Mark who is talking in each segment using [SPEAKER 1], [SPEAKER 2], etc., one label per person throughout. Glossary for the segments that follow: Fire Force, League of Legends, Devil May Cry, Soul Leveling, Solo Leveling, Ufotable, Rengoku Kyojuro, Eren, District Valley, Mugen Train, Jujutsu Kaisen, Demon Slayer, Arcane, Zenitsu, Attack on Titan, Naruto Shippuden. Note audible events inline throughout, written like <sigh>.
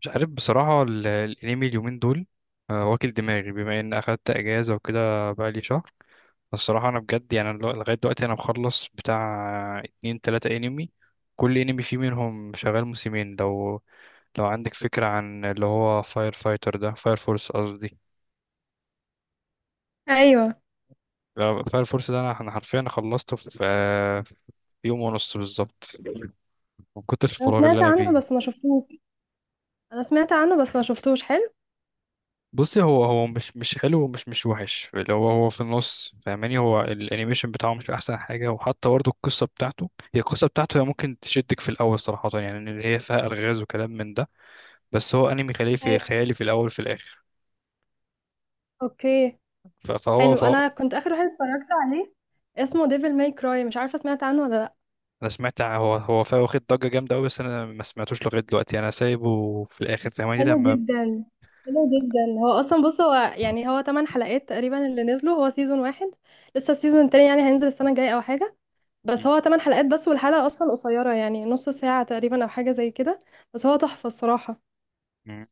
[SPEAKER 1] مش عارف بصراحة الأنمي اليومين دول. واكل دماغي بما إن أخدت أجازة وكده بقالي شهر. الصراحة أنا بجد يعني لغاية دلوقتي أنا مخلص بتاع اتنين تلاتة أنمي، كل أنمي فيه منهم شغال موسمين. لو عندك فكرة عن اللي هو فاير فايتر ده، فاير فورس قصدي.
[SPEAKER 2] ايوه.
[SPEAKER 1] فاير فورس ده أنا حرفيا أنا خلصته في يوم ونص بالظبط، من كتر
[SPEAKER 2] انا
[SPEAKER 1] الفراغ اللي
[SPEAKER 2] سمعت
[SPEAKER 1] أنا
[SPEAKER 2] عنه
[SPEAKER 1] فيه.
[SPEAKER 2] بس ما شفتوش انا سمعت عنه بس ما شفتوش. حلو.
[SPEAKER 1] بصي، هو مش حلو ومش مش وحش، اللي هو في النص، فاهماني؟ هو الانيميشن بتاعه مش احسن حاجه، وحتى برضه القصه بتاعته هي ممكن تشدك في الاول، صراحه يعني ان هي فيها الغاز وكلام من ده. بس هو انمي خيالي، في
[SPEAKER 2] ايوه.
[SPEAKER 1] خيالي في الاول في الاخر.
[SPEAKER 2] اوكي.
[SPEAKER 1] ف- فهو
[SPEAKER 2] حلو،
[SPEAKER 1] فهو
[SPEAKER 2] انا كنت اخر واحد اتفرجت عليه، اسمه ديفل ماي كراي. مش عارفه، سمعت عنه ولا لا؟
[SPEAKER 1] انا سمعت هو واخد ضجه جامده قوي، بس انا ما سمعتوش لغايه دلوقتي، انا سايبه في الاخر، فاهماني
[SPEAKER 2] حلو
[SPEAKER 1] لما.
[SPEAKER 2] جدا، حلو جدا. هو اصلا، بص، هو 8 حلقات تقريبا اللي نزلوا، هو سيزون واحد. لسه السيزون التاني يعني هينزل السنه الجايه او حاجه.
[SPEAKER 1] م-
[SPEAKER 2] بس هو 8 حلقات بس، والحلقه اصلا قصيره يعني نص ساعه تقريبا او حاجه زي كده. بس هو تحفه الصراحه.
[SPEAKER 1] م.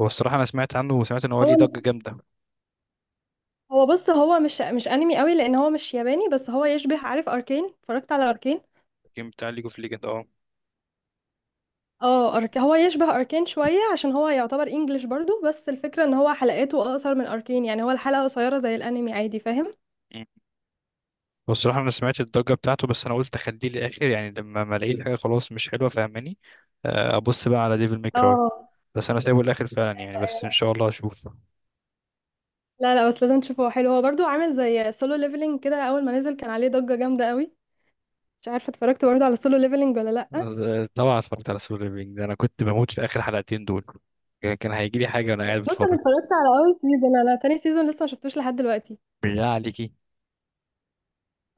[SPEAKER 1] هو الصراحه انا سمعت عنه وسمعت ان هو
[SPEAKER 2] هو
[SPEAKER 1] ليه ضجه جامده.
[SPEAKER 2] هو بص، هو مش انمي قوي لان هو مش ياباني، بس هو يشبه، عارف اركين؟ اتفرجت على اركين؟
[SPEAKER 1] الجيم بتاع ليج اوف ليجند، اه.
[SPEAKER 2] اه. هو يشبه اركين شويه عشان هو يعتبر انجليش برضو، بس الفكره ان هو حلقاته اقصر من اركين، يعني هو الحلقه قصيره زي الانمي عادي، فاهم؟
[SPEAKER 1] هو الصراحة أنا سمعت الضجة بتاعته، بس أنا قلت أخليه للآخر، يعني لما ما ألاقي الحاجة خلاص مش حلوة، فاهماني. أبص بقى على ديفل ماي كراي.
[SPEAKER 2] اه،
[SPEAKER 1] بس أنا سايبه للآخر فعلا يعني،
[SPEAKER 2] ايوه
[SPEAKER 1] بس إن
[SPEAKER 2] ايوه.
[SPEAKER 1] شاء الله أشوف.
[SPEAKER 2] لا لا، بس لازم تشوفه، هو حلو. هو برضو عامل زي سولو ليفلينج كده، اول ما نزل كان عليه ضجه جامده قوي. مش عارفه اتفرجت برضو على سولو ليفلينج ولا لا؟
[SPEAKER 1] طبعا اتفرجت على سول ليفينج ده، أنا كنت بموت في آخر حلقتين دول. كان هيجيلي حاجة وأنا قاعد
[SPEAKER 2] بص انا
[SPEAKER 1] بتفرج.
[SPEAKER 2] اتفرجت على اول سيزون، انا تاني سيزون لسه ما شفتوش لحد دلوقتي.
[SPEAKER 1] بالله عليكي؟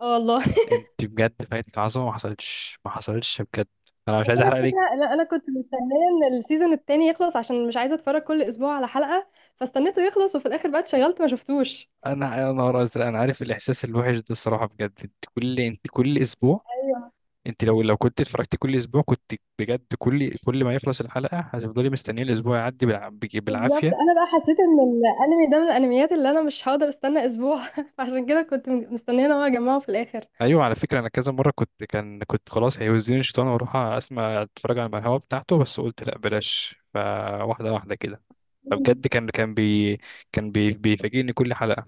[SPEAKER 2] اه والله.
[SPEAKER 1] أنت بجد فايتك عظمة، ما حصلتش ما حصلتش بجد. أنا مش
[SPEAKER 2] بس
[SPEAKER 1] عايز
[SPEAKER 2] انا
[SPEAKER 1] أحرق عليك.
[SPEAKER 2] الفكره، لا، انا كنت مستنيه ان السيزون التاني يخلص عشان مش عايزه اتفرج كل اسبوع على حلقه، فاستنيته يخلص، وفي الاخر بقى اتشغلت ما شفتوش.
[SPEAKER 1] أنا نهار أزرق. أنا عارف الإحساس الوحش ده، الصراحة بجد، أنت كل أسبوع.
[SPEAKER 2] ايوه.
[SPEAKER 1] انت لو كنت اتفرجت كل اسبوع كنت بجد، كل ما يخلص الحلقه هتفضلي مستنيه الاسبوع يعدي
[SPEAKER 2] بالظبط،
[SPEAKER 1] بالعافيه.
[SPEAKER 2] انا بقى حسيت ان الانمي ده من الانميات اللي انا مش هقدر استنى اسبوع <laughs> فعشان كده كنت مستنيه ان هو يجمعه في الاخر.
[SPEAKER 1] ايوه، على فكره انا كذا مره كنت خلاص هيوزيني الشيطان واروح اسمع اتفرج على الهوا بتاعته، بس قلت لا بلاش، فواحده واحده كده.
[SPEAKER 2] مم.
[SPEAKER 1] فبجد كان بيفاجئني كل حلقه.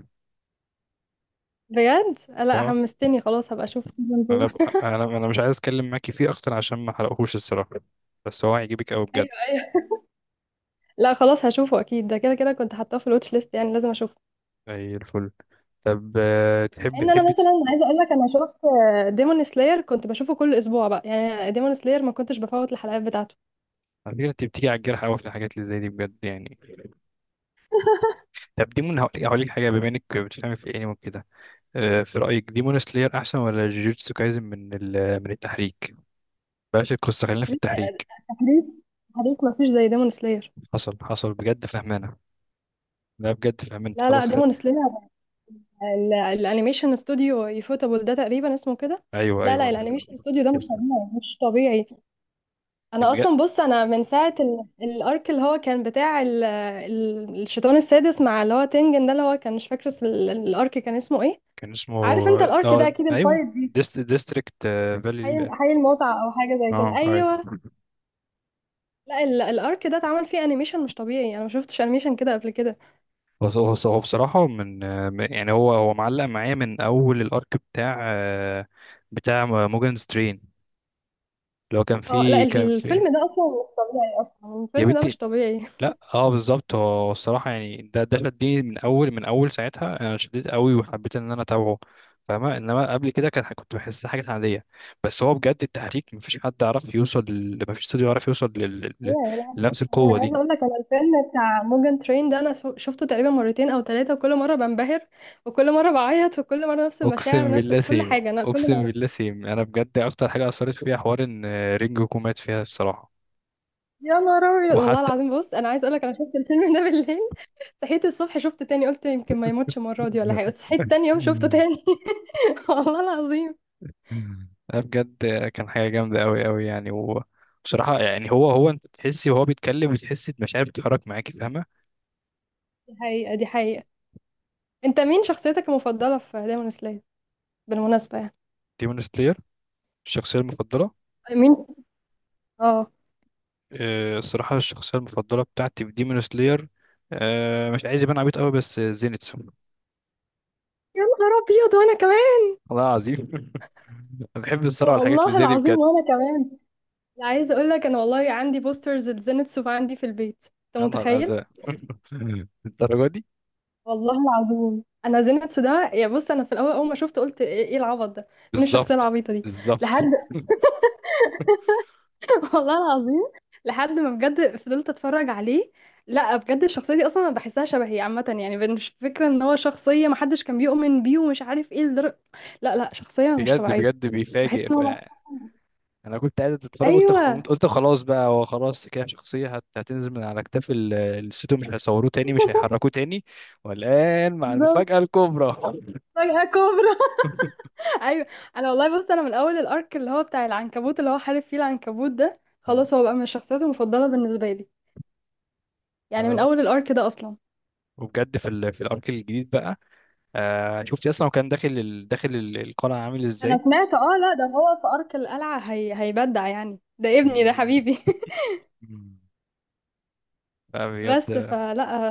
[SPEAKER 2] بجد؟ لا،
[SPEAKER 1] اه.
[SPEAKER 2] حمستني، خلاص هبقى اشوف سيزون
[SPEAKER 1] انا ب-
[SPEAKER 2] 2.
[SPEAKER 1] انا انا مش عايز اتكلم معاكي فيه اكتر عشان ما حرقهوش الصراحه، بس هو هيعجبك قوي
[SPEAKER 2] <laughs>
[SPEAKER 1] بجد.
[SPEAKER 2] ايوه ايوه. لا خلاص هشوفه اكيد، ده كده كده كنت حاطاه في الواتش ليست، يعني لازم اشوفه.
[SPEAKER 1] اي الفل. طب،
[SPEAKER 2] مع
[SPEAKER 1] تحبي
[SPEAKER 2] ان انا
[SPEAKER 1] تحبي تس-.
[SPEAKER 2] مثلا عايزه اقول لك، انا شفت ديمون سلاير كنت بشوفه كل اسبوع بقى، يعني ديمون سلاير ما كنتش بفوت الحلقات بتاعته.
[SPEAKER 1] على فكره انت بتيجي على الجرح قوي في الحاجات اللي زي دي بجد يعني. طب ديمون، هقول لك حاجه بما انك بتفهمي في الانمي وكده. في رايك ديمون سلاير احسن ولا جوجوتسو كايزن، من التحريك؟ بلاش القصه، خلينا في
[SPEAKER 2] آه،
[SPEAKER 1] التحريك.
[SPEAKER 2] تحريك، تحريك مفيش زي ديمون سلاير.
[SPEAKER 1] حصل حصل بجد، فهمانه. لا بجد فهمان، انت
[SPEAKER 2] لا لا،
[SPEAKER 1] خلاص
[SPEAKER 2] ديمون
[SPEAKER 1] خدت.
[SPEAKER 2] سلاير الانيميشن استوديو يفوتابل ده تقريبا اسمه كده.
[SPEAKER 1] ايوه
[SPEAKER 2] لا لا،
[SPEAKER 1] ايوه.
[SPEAKER 2] الانيميشن استوديو ده مش طبيعي، مش طبيعي. انا
[SPEAKER 1] بجد.
[SPEAKER 2] اصلا، بص، انا من ساعه الارك اللي هو كان بتاع الشيطان السادس مع اللي هو تنجن ده، اللي هو كان، مش فاكر الارك كان اسمه ايه.
[SPEAKER 1] كان اسمه.
[SPEAKER 2] عارف انت الارك ده،
[SPEAKER 1] اه
[SPEAKER 2] اكيد
[SPEAKER 1] ايوه،
[SPEAKER 2] الفايت دي،
[SPEAKER 1] ديستريكت
[SPEAKER 2] حي
[SPEAKER 1] فالي.
[SPEAKER 2] حي المتعه او حاجه زي كده،
[SPEAKER 1] اه ايوه.
[SPEAKER 2] ايوه. لا الارك ده اتعمل فيه انيميشن مش طبيعي، انا ما شفتش انيميشن كده قبل كده.
[SPEAKER 1] هو بصراحه من، يعني هو معلق معايا من اول الارك بتاع، بتاع موجان سترين، اللي هو كان
[SPEAKER 2] اه لا،
[SPEAKER 1] فيه كان فيه.
[SPEAKER 2] الفيلم ده اصلا مش طبيعي، اصلا
[SPEAKER 1] يا
[SPEAKER 2] الفيلم ده
[SPEAKER 1] بنتي.
[SPEAKER 2] مش طبيعي <laughs>
[SPEAKER 1] لا اه، بالظبط، هو الصراحه يعني ده شدني من اول ساعتها، انا شديت قوي وحبيت ان انا اتابعه، فاهمه؟ انما قبل كده كنت بحسها حاجه عاديه. بس هو بجد التحريك مفيش حد عرف يوصل مفيش استوديو عرف يوصل
[SPEAKER 2] يا لا مش
[SPEAKER 1] لنفس
[SPEAKER 2] طبيعي.
[SPEAKER 1] القوه
[SPEAKER 2] انا عايزه
[SPEAKER 1] دي.
[SPEAKER 2] اقول لك، انا الفيلم بتاع موجان ترين ده انا شفته تقريبا مرتين او ثلاثه، وكل مره بنبهر، وكل مره بعيط، وكل مره نفس المشاعر،
[SPEAKER 1] اقسم
[SPEAKER 2] نفس
[SPEAKER 1] بالله
[SPEAKER 2] كل
[SPEAKER 1] سيم.
[SPEAKER 2] حاجه، انا كل مره.
[SPEAKER 1] انا بجد اكتر حاجه اثرت فيها حوار ان رينجو كومات فيها الصراحه،
[SPEAKER 2] يا نهار ابيض، والله
[SPEAKER 1] وحتى.
[SPEAKER 2] العظيم. بص انا عايزه اقول لك، انا شفت الفيلم ده بالليل، صحيت الصبح شفته تاني، قلت يمكن ما يموتش المره دي ولا حاجه، بس صحيت تاني يوم شفته
[SPEAKER 1] <laughs>
[SPEAKER 2] تاني. <laughs> والله العظيم.
[SPEAKER 1] مم. لا بجد، كان حاجة جامدة أوي أوي يعني، وبصراحة يعني هو أنت بتحسي وهو بيتكلم، بتحسي مشاعر بتتحرك معاكي، فاهمة؟
[SPEAKER 2] دي حقيقه، دي حقيقه. انت مين شخصيتك المفضله في دايمون سلاير بالمناسبه يعني؟
[SPEAKER 1] ديمون سلاير. الشخصية المفضلة.
[SPEAKER 2] مين؟ اه.
[SPEAKER 1] الصراحة الشخصية المفضلة بتاعتي في ديمون سلاير، مش عايز يبان عبيط أوي، بس زينتسو.
[SPEAKER 2] يا نهار ابيض، وانا كمان.
[SPEAKER 1] والله العظيم. <laughs> أنا بحب الصراحة والحاجات اللي
[SPEAKER 2] والله
[SPEAKER 1] زي دي
[SPEAKER 2] العظيم
[SPEAKER 1] بجد.
[SPEAKER 2] وانا كمان. يعني عايزه اقول لك، انا والله عندي بوسترز لزينتسو عندي في البيت، انت
[SPEAKER 1] يا نهار
[SPEAKER 2] متخيل؟
[SPEAKER 1] أزرق. <laughs> الدرجة دي؟
[SPEAKER 2] والله العظيم. انا زينتسو ده، يا بص، انا في الاول اول ما شفته قلت ايه العبط ده؟ مين الشخصيه
[SPEAKER 1] بالظبط.
[SPEAKER 2] العبيطه دي؟
[SPEAKER 1] بالظبط.
[SPEAKER 2] لحد. <laughs> والله العظيم. لحد ما بجد فضلت اتفرج عليه. لا بجد، الشخصيه دي اصلا انا بحسها شبهي عامه، يعني مش فكره ان هو شخصيه محدش كان بيؤمن بيه ومش عارف ايه لدرجه. لا لا، شخصيه مش
[SPEAKER 1] بجد
[SPEAKER 2] طبيعيه.
[SPEAKER 1] بجد بيفاجئ.
[SPEAKER 2] بحس ان هو.
[SPEAKER 1] انا كنت قاعد اتفرج، قلت
[SPEAKER 2] ايوه
[SPEAKER 1] قلت خلاص بقى، هو خلاص كده شخصيه هتنزل من على كتاف الستو، مش هيصوروه تاني مش هيحركوه تاني. والان مع
[SPEAKER 2] بالظبط،
[SPEAKER 1] المفاجاه الكبرى. <laughs>
[SPEAKER 2] فجأة كوبرا. ايوه، انا والله، بص، انا من اول الارك اللي هو بتاع العنكبوت، اللي هو حارب فيه العنكبوت ده،
[SPEAKER 1] مم.
[SPEAKER 2] خلاص هو بقى من الشخصيات المفضله بالنسبه لي،
[SPEAKER 1] لا
[SPEAKER 2] يعني من
[SPEAKER 1] لا.
[SPEAKER 2] اول الارك ده اصلا.
[SPEAKER 1] وبجد في الارك الجديد بقى. شفتي اصلا هو كان داخل ال- القلعه عامل
[SPEAKER 2] انا
[SPEAKER 1] ازاي.
[SPEAKER 2] سمعت، اه لا، ده هو في ارك القلعه، هي... هيبدع، يعني ده ابني ده،
[SPEAKER 1] مم.
[SPEAKER 2] حبيبي.
[SPEAKER 1] مم.
[SPEAKER 2] <laughs> بس
[SPEAKER 1] فبجد.
[SPEAKER 2] فلا،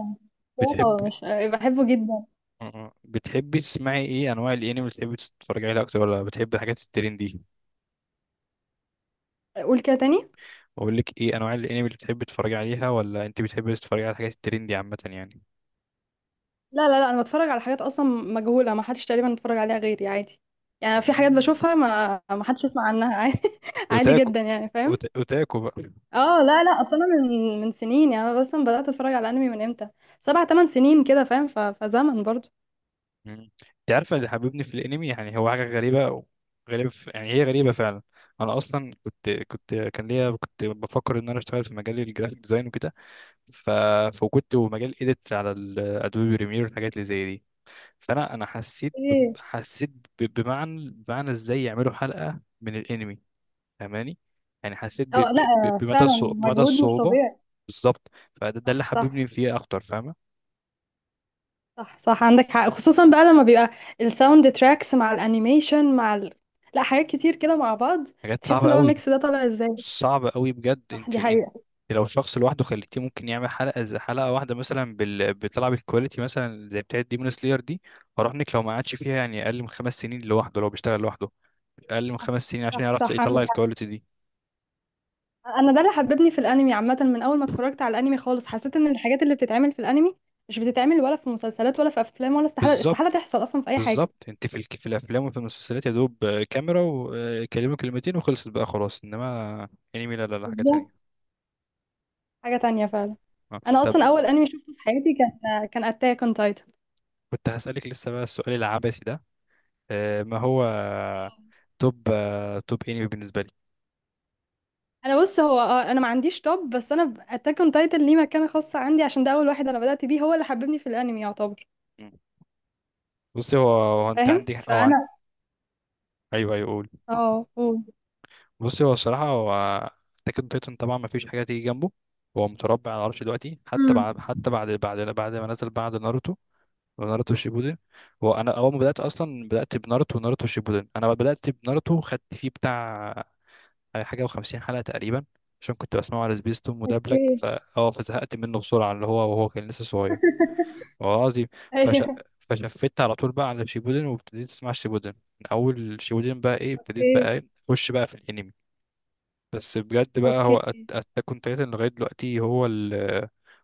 [SPEAKER 2] شخصيات
[SPEAKER 1] بتحب.
[SPEAKER 2] هو مش، بحبه جدا.
[SPEAKER 1] مم. بتحبي تسمعي ايه انواع الانمي اللي بتحبي تتفرجي عليها اكتر ولا بتحبي الحاجات الترندي؟
[SPEAKER 2] قول كده تاني.
[SPEAKER 1] اقول لك ايه انواع الانمي اللي بتحبي تتفرجي عليها ولا انت بتحبي تتفرجي على الحاجات الترندي عامه يعني.
[SPEAKER 2] لا لا لا، انا بتفرج على حاجات اصلا مجهوله، ما حدش تقريبا اتفرج عليها غيري، عادي. يعني في حاجات
[SPEAKER 1] مم.
[SPEAKER 2] بشوفها ما حدش يسمع عنها <laughs> عادي، عادي
[SPEAKER 1] اوتاكو.
[SPEAKER 2] جدا، يعني فاهم.
[SPEAKER 1] اوتاكو بقى.
[SPEAKER 2] اه، لا لا، اصلا أنا من سنين، يعني انا اصلا بدات اتفرج على انمي من امتى؟ سبع ثمان سنين كده، فاهم؟ فزمن برضو.
[SPEAKER 1] مم. انت عارفه اللي حببني في الانمي، يعني هو حاجه غريبه، يعني هي غريبه فعلا. انا اصلا كنت كان ليا، كنت بفكر ان انا اشتغل في مجال الجرافيك ديزاين وكده، ف... فكنت، ومجال اديتس على الادوبي بريمير والحاجات اللي زي دي. فانا حسيت
[SPEAKER 2] ايه؟
[SPEAKER 1] حسيت بمعنى ازاي يعملوا حلقه من الانمي، فاهماني؟ يعني حسيت ب...
[SPEAKER 2] اه لا،
[SPEAKER 1] ب... بمدى
[SPEAKER 2] فعلا
[SPEAKER 1] الصعوبه بمدى
[SPEAKER 2] مجهود مش
[SPEAKER 1] الصعوبه
[SPEAKER 2] طبيعي.
[SPEAKER 1] بالظبط. فده اللي
[SPEAKER 2] صح صح.
[SPEAKER 1] حببني فيه اكتر، فاهمه؟
[SPEAKER 2] صح صح، عندك حق، خصوصا بقى لما بيبقى الساوند تراكس مع الانيميشن مع ال... لا حاجات كتير كده مع بعض،
[SPEAKER 1] حاجات
[SPEAKER 2] تحس
[SPEAKER 1] صعبة
[SPEAKER 2] ان هو
[SPEAKER 1] قوي.
[SPEAKER 2] الميكس ده طالع ازاي.
[SPEAKER 1] صعبة قوي بجد.
[SPEAKER 2] صح، دي
[SPEAKER 1] انت
[SPEAKER 2] حقيقة.
[SPEAKER 1] لو شخص لوحده خليتيه ممكن يعمل حلقة زي حلقة واحدة مثلا، بتلعب الكواليتي مثلا زي بتاعة ديمون سلاير دي، اراهنك لو ما قعدش فيها يعني اقل من خمس سنين لوحده، لو بيشتغل لوحده اقل من خمس سنين عشان
[SPEAKER 2] صح
[SPEAKER 1] يعرف
[SPEAKER 2] صح، عندك
[SPEAKER 1] يطلع
[SPEAKER 2] حق.
[SPEAKER 1] الكواليتي دي.
[SPEAKER 2] انا ده اللي حببني في الانمي عامة، من اول ما اتفرجت على الانمي خالص حسيت ان الحاجات اللي بتتعمل في الانمي مش بتتعمل ولا في مسلسلات ولا في افلام، ولا استحالة،
[SPEAKER 1] بالظبط.
[SPEAKER 2] استحالة تحصل اصلا في اي حاجة.
[SPEAKER 1] بالظبط. انت في الافلام وفي المسلسلات يا دوب، كاميرا وكلمة كلمتين وخلصت بقى خلاص. انما انمي لا لا لا، حاجة
[SPEAKER 2] بالظبط،
[SPEAKER 1] تانية.
[SPEAKER 2] حاجة تانية فعلا.
[SPEAKER 1] آه.
[SPEAKER 2] انا
[SPEAKER 1] طب،
[SPEAKER 2] اصلا اول انمي شفته في حياتي كان اتاك اون تايتن.
[SPEAKER 1] كنت هسألك لسه بقى السؤال العبثي ده، ما هو توب انمي بالنسبة.
[SPEAKER 2] انا بص، هو انا ما عنديش توب، بس انا اتاك اون تايتن ليه مكانة خاصة عندي، عشان ده اول واحد انا بدأت بيه، هو اللي حببني في الانمي يعتبر،
[SPEAKER 1] مم. بصي، هو انت
[SPEAKER 2] فاهم؟
[SPEAKER 1] عندي، هو انت.
[SPEAKER 2] فانا،
[SPEAKER 1] ايوه ايوه، قول.
[SPEAKER 2] اه قول.
[SPEAKER 1] بصي هو الصراحه هو اتاك اون تايتن، طبعا ما فيش حاجه تيجي جنبه. هو متربع على العرش دلوقتي، حتى
[SPEAKER 2] امم.
[SPEAKER 1] بعد حتى بعد بعد بعد ما نزل بعد ناروتو، ناروتو شيبودن. هو انا اول ما بدات، اصلا بدات بناروتو وناروتو شيبودن. انا بدات بناروتو، خدت فيه بتاع حاجه و50 حلقه تقريبا، عشان كنت بسمعه على سبيستون مدبلج،
[SPEAKER 2] اوكي. <laughs>
[SPEAKER 1] فا اه فزهقت منه بسرعه، اللي هو وهو كان لسه صغير. والله العظيم. فش...
[SPEAKER 2] ايوه.
[SPEAKER 1] فشفت على طول بقى على شيبودن، وابتديت اسمع شيبودن. من اول شيبودن بقى ايه، ابتديت بقى
[SPEAKER 2] اوكي.
[SPEAKER 1] ايه اخش بقى في الانمي. بس بجد بقى
[SPEAKER 2] اوكي.
[SPEAKER 1] هو اتاك اون تايتن لغايه دلوقتي،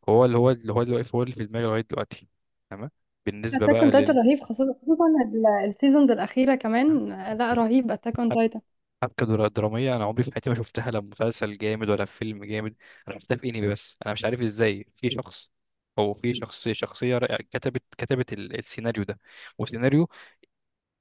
[SPEAKER 1] هو اللي هو دلوقتي هو اللي في دماغي لغايه دلوقتي. تمام. بالنسبه
[SPEAKER 2] اتاك
[SPEAKER 1] بقى
[SPEAKER 2] اون تايتن
[SPEAKER 1] لل،
[SPEAKER 2] رهيب، خصوصا خصوصا السيزونز الاخيرة كمان. لا رهيب اتاك اون
[SPEAKER 1] حب-
[SPEAKER 2] تايتن.
[SPEAKER 1] حبكه دراميه انا عمري في حياتي ما شفتها، لا مسلسل جامد ولا في فيلم جامد، انا شفتها في انمي بس. انا مش عارف ازاي في شخص او في شخصيه رائعة، كتبت السيناريو ده، وسيناريو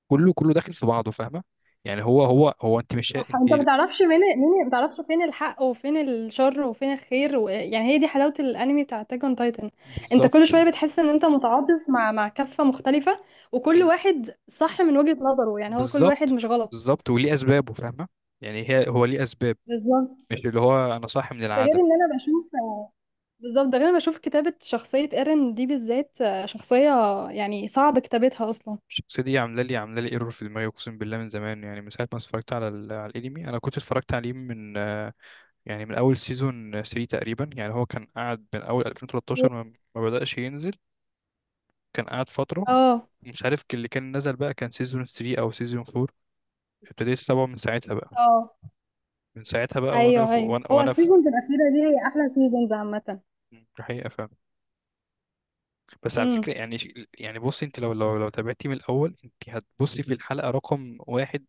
[SPEAKER 1] كله كله داخل في بعضه، فاهمه؟ يعني هو انت مش
[SPEAKER 2] صح،
[SPEAKER 1] انت.
[SPEAKER 2] انت ما تعرفش مين، ما تعرفش فين الحق وفين الشر وفين الخير و... يعني هي دي حلاوة الانمي بتاع اتاك اون تايتن. انت كل
[SPEAKER 1] بالظبط.
[SPEAKER 2] شوية بتحس ان انت متعاطف مع كفة مختلفة، وكل
[SPEAKER 1] مم.
[SPEAKER 2] واحد صح من وجهة نظره، يعني هو كل واحد
[SPEAKER 1] بالظبط.
[SPEAKER 2] مش غلط.
[SPEAKER 1] بالظبط وليه اسبابه، فاهمه؟ يعني هي، هو ليه اسباب،
[SPEAKER 2] بالظبط،
[SPEAKER 1] مش اللي هو انا صاحي من
[SPEAKER 2] ده غير
[SPEAKER 1] العدم.
[SPEAKER 2] ان انا بشوف كتابة شخصية ايرين دي بالذات، شخصية يعني صعب كتابتها اصلا.
[SPEAKER 1] الشخصيه دي عامله لي ايرور في دماغي، اقسم بالله، من زمان، يعني من ساعه ما اتفرجت على الانمي. انا كنت اتفرجت عليه من، يعني من اول سيزون 3 تقريبا، يعني هو كان قاعد من اول 2013 ما بداش ينزل، كان قاعد فتره.
[SPEAKER 2] اه
[SPEAKER 1] مش عارف اللي كان نزل بقى، كان سيزون 3 او سيزون 4. ابتديت اتابعه من ساعتها بقى.
[SPEAKER 2] اه
[SPEAKER 1] من ساعتها بقى وانا
[SPEAKER 2] ايوه
[SPEAKER 1] في،
[SPEAKER 2] ايوه.
[SPEAKER 1] وانا
[SPEAKER 2] هو
[SPEAKER 1] وانا في
[SPEAKER 2] السيزونز الاخيرة دي هي احلى سيزونز عامة.
[SPEAKER 1] الحقيقه، فاهم؟ بس على
[SPEAKER 2] امم.
[SPEAKER 1] فكره يعني يعني بصي، انت لو تابعتي من الاول، انت هتبصي في الحلقه رقم واحد،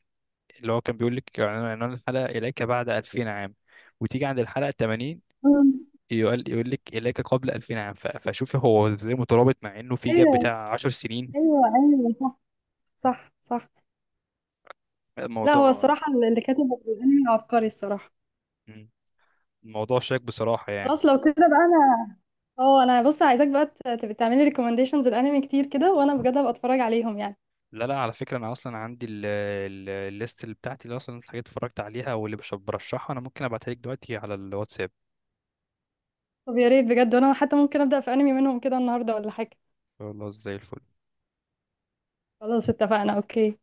[SPEAKER 1] اللي هو كان بيقول لك عنوان الحلقه اليك بعد 2000 عام، وتيجي عند الحلقه 80
[SPEAKER 2] أمم.
[SPEAKER 1] يقول لك اليك قبل 2000 عام. فشوفي هو ازاي مترابط، مع انه في جاب
[SPEAKER 2] ايوه
[SPEAKER 1] بتاع 10 سنين.
[SPEAKER 2] ايوه ايوه. صح صح صح. لا هو
[SPEAKER 1] الموضوع.
[SPEAKER 2] الصراحه اللي كاتب الانمي عبقري الصراحه.
[SPEAKER 1] مم. الموضوع شاك بصراحه يعني.
[SPEAKER 2] خلاص لو كده بقى انا، اه انا بص، عايزاك بقى تبقى تعملي ريكومنديشنز الانمي كتير كده، وانا بجد هبقى اتفرج عليهم يعني.
[SPEAKER 1] لا لا، على فكرة أنا أصلا عندي الليست اللي بتاعتي، اللي أصلا الحاجات اتفرجت عليها واللي برشحها، أنا ممكن أبعتها لك دلوقتي على الواتساب.
[SPEAKER 2] طب يا ريت بجد، وانا حتى ممكن ابدا في انمي منهم كده النهارده ولا حاجه.
[SPEAKER 1] والله زي الفل.
[SPEAKER 2] خلاص، اتفقنا. اوكي.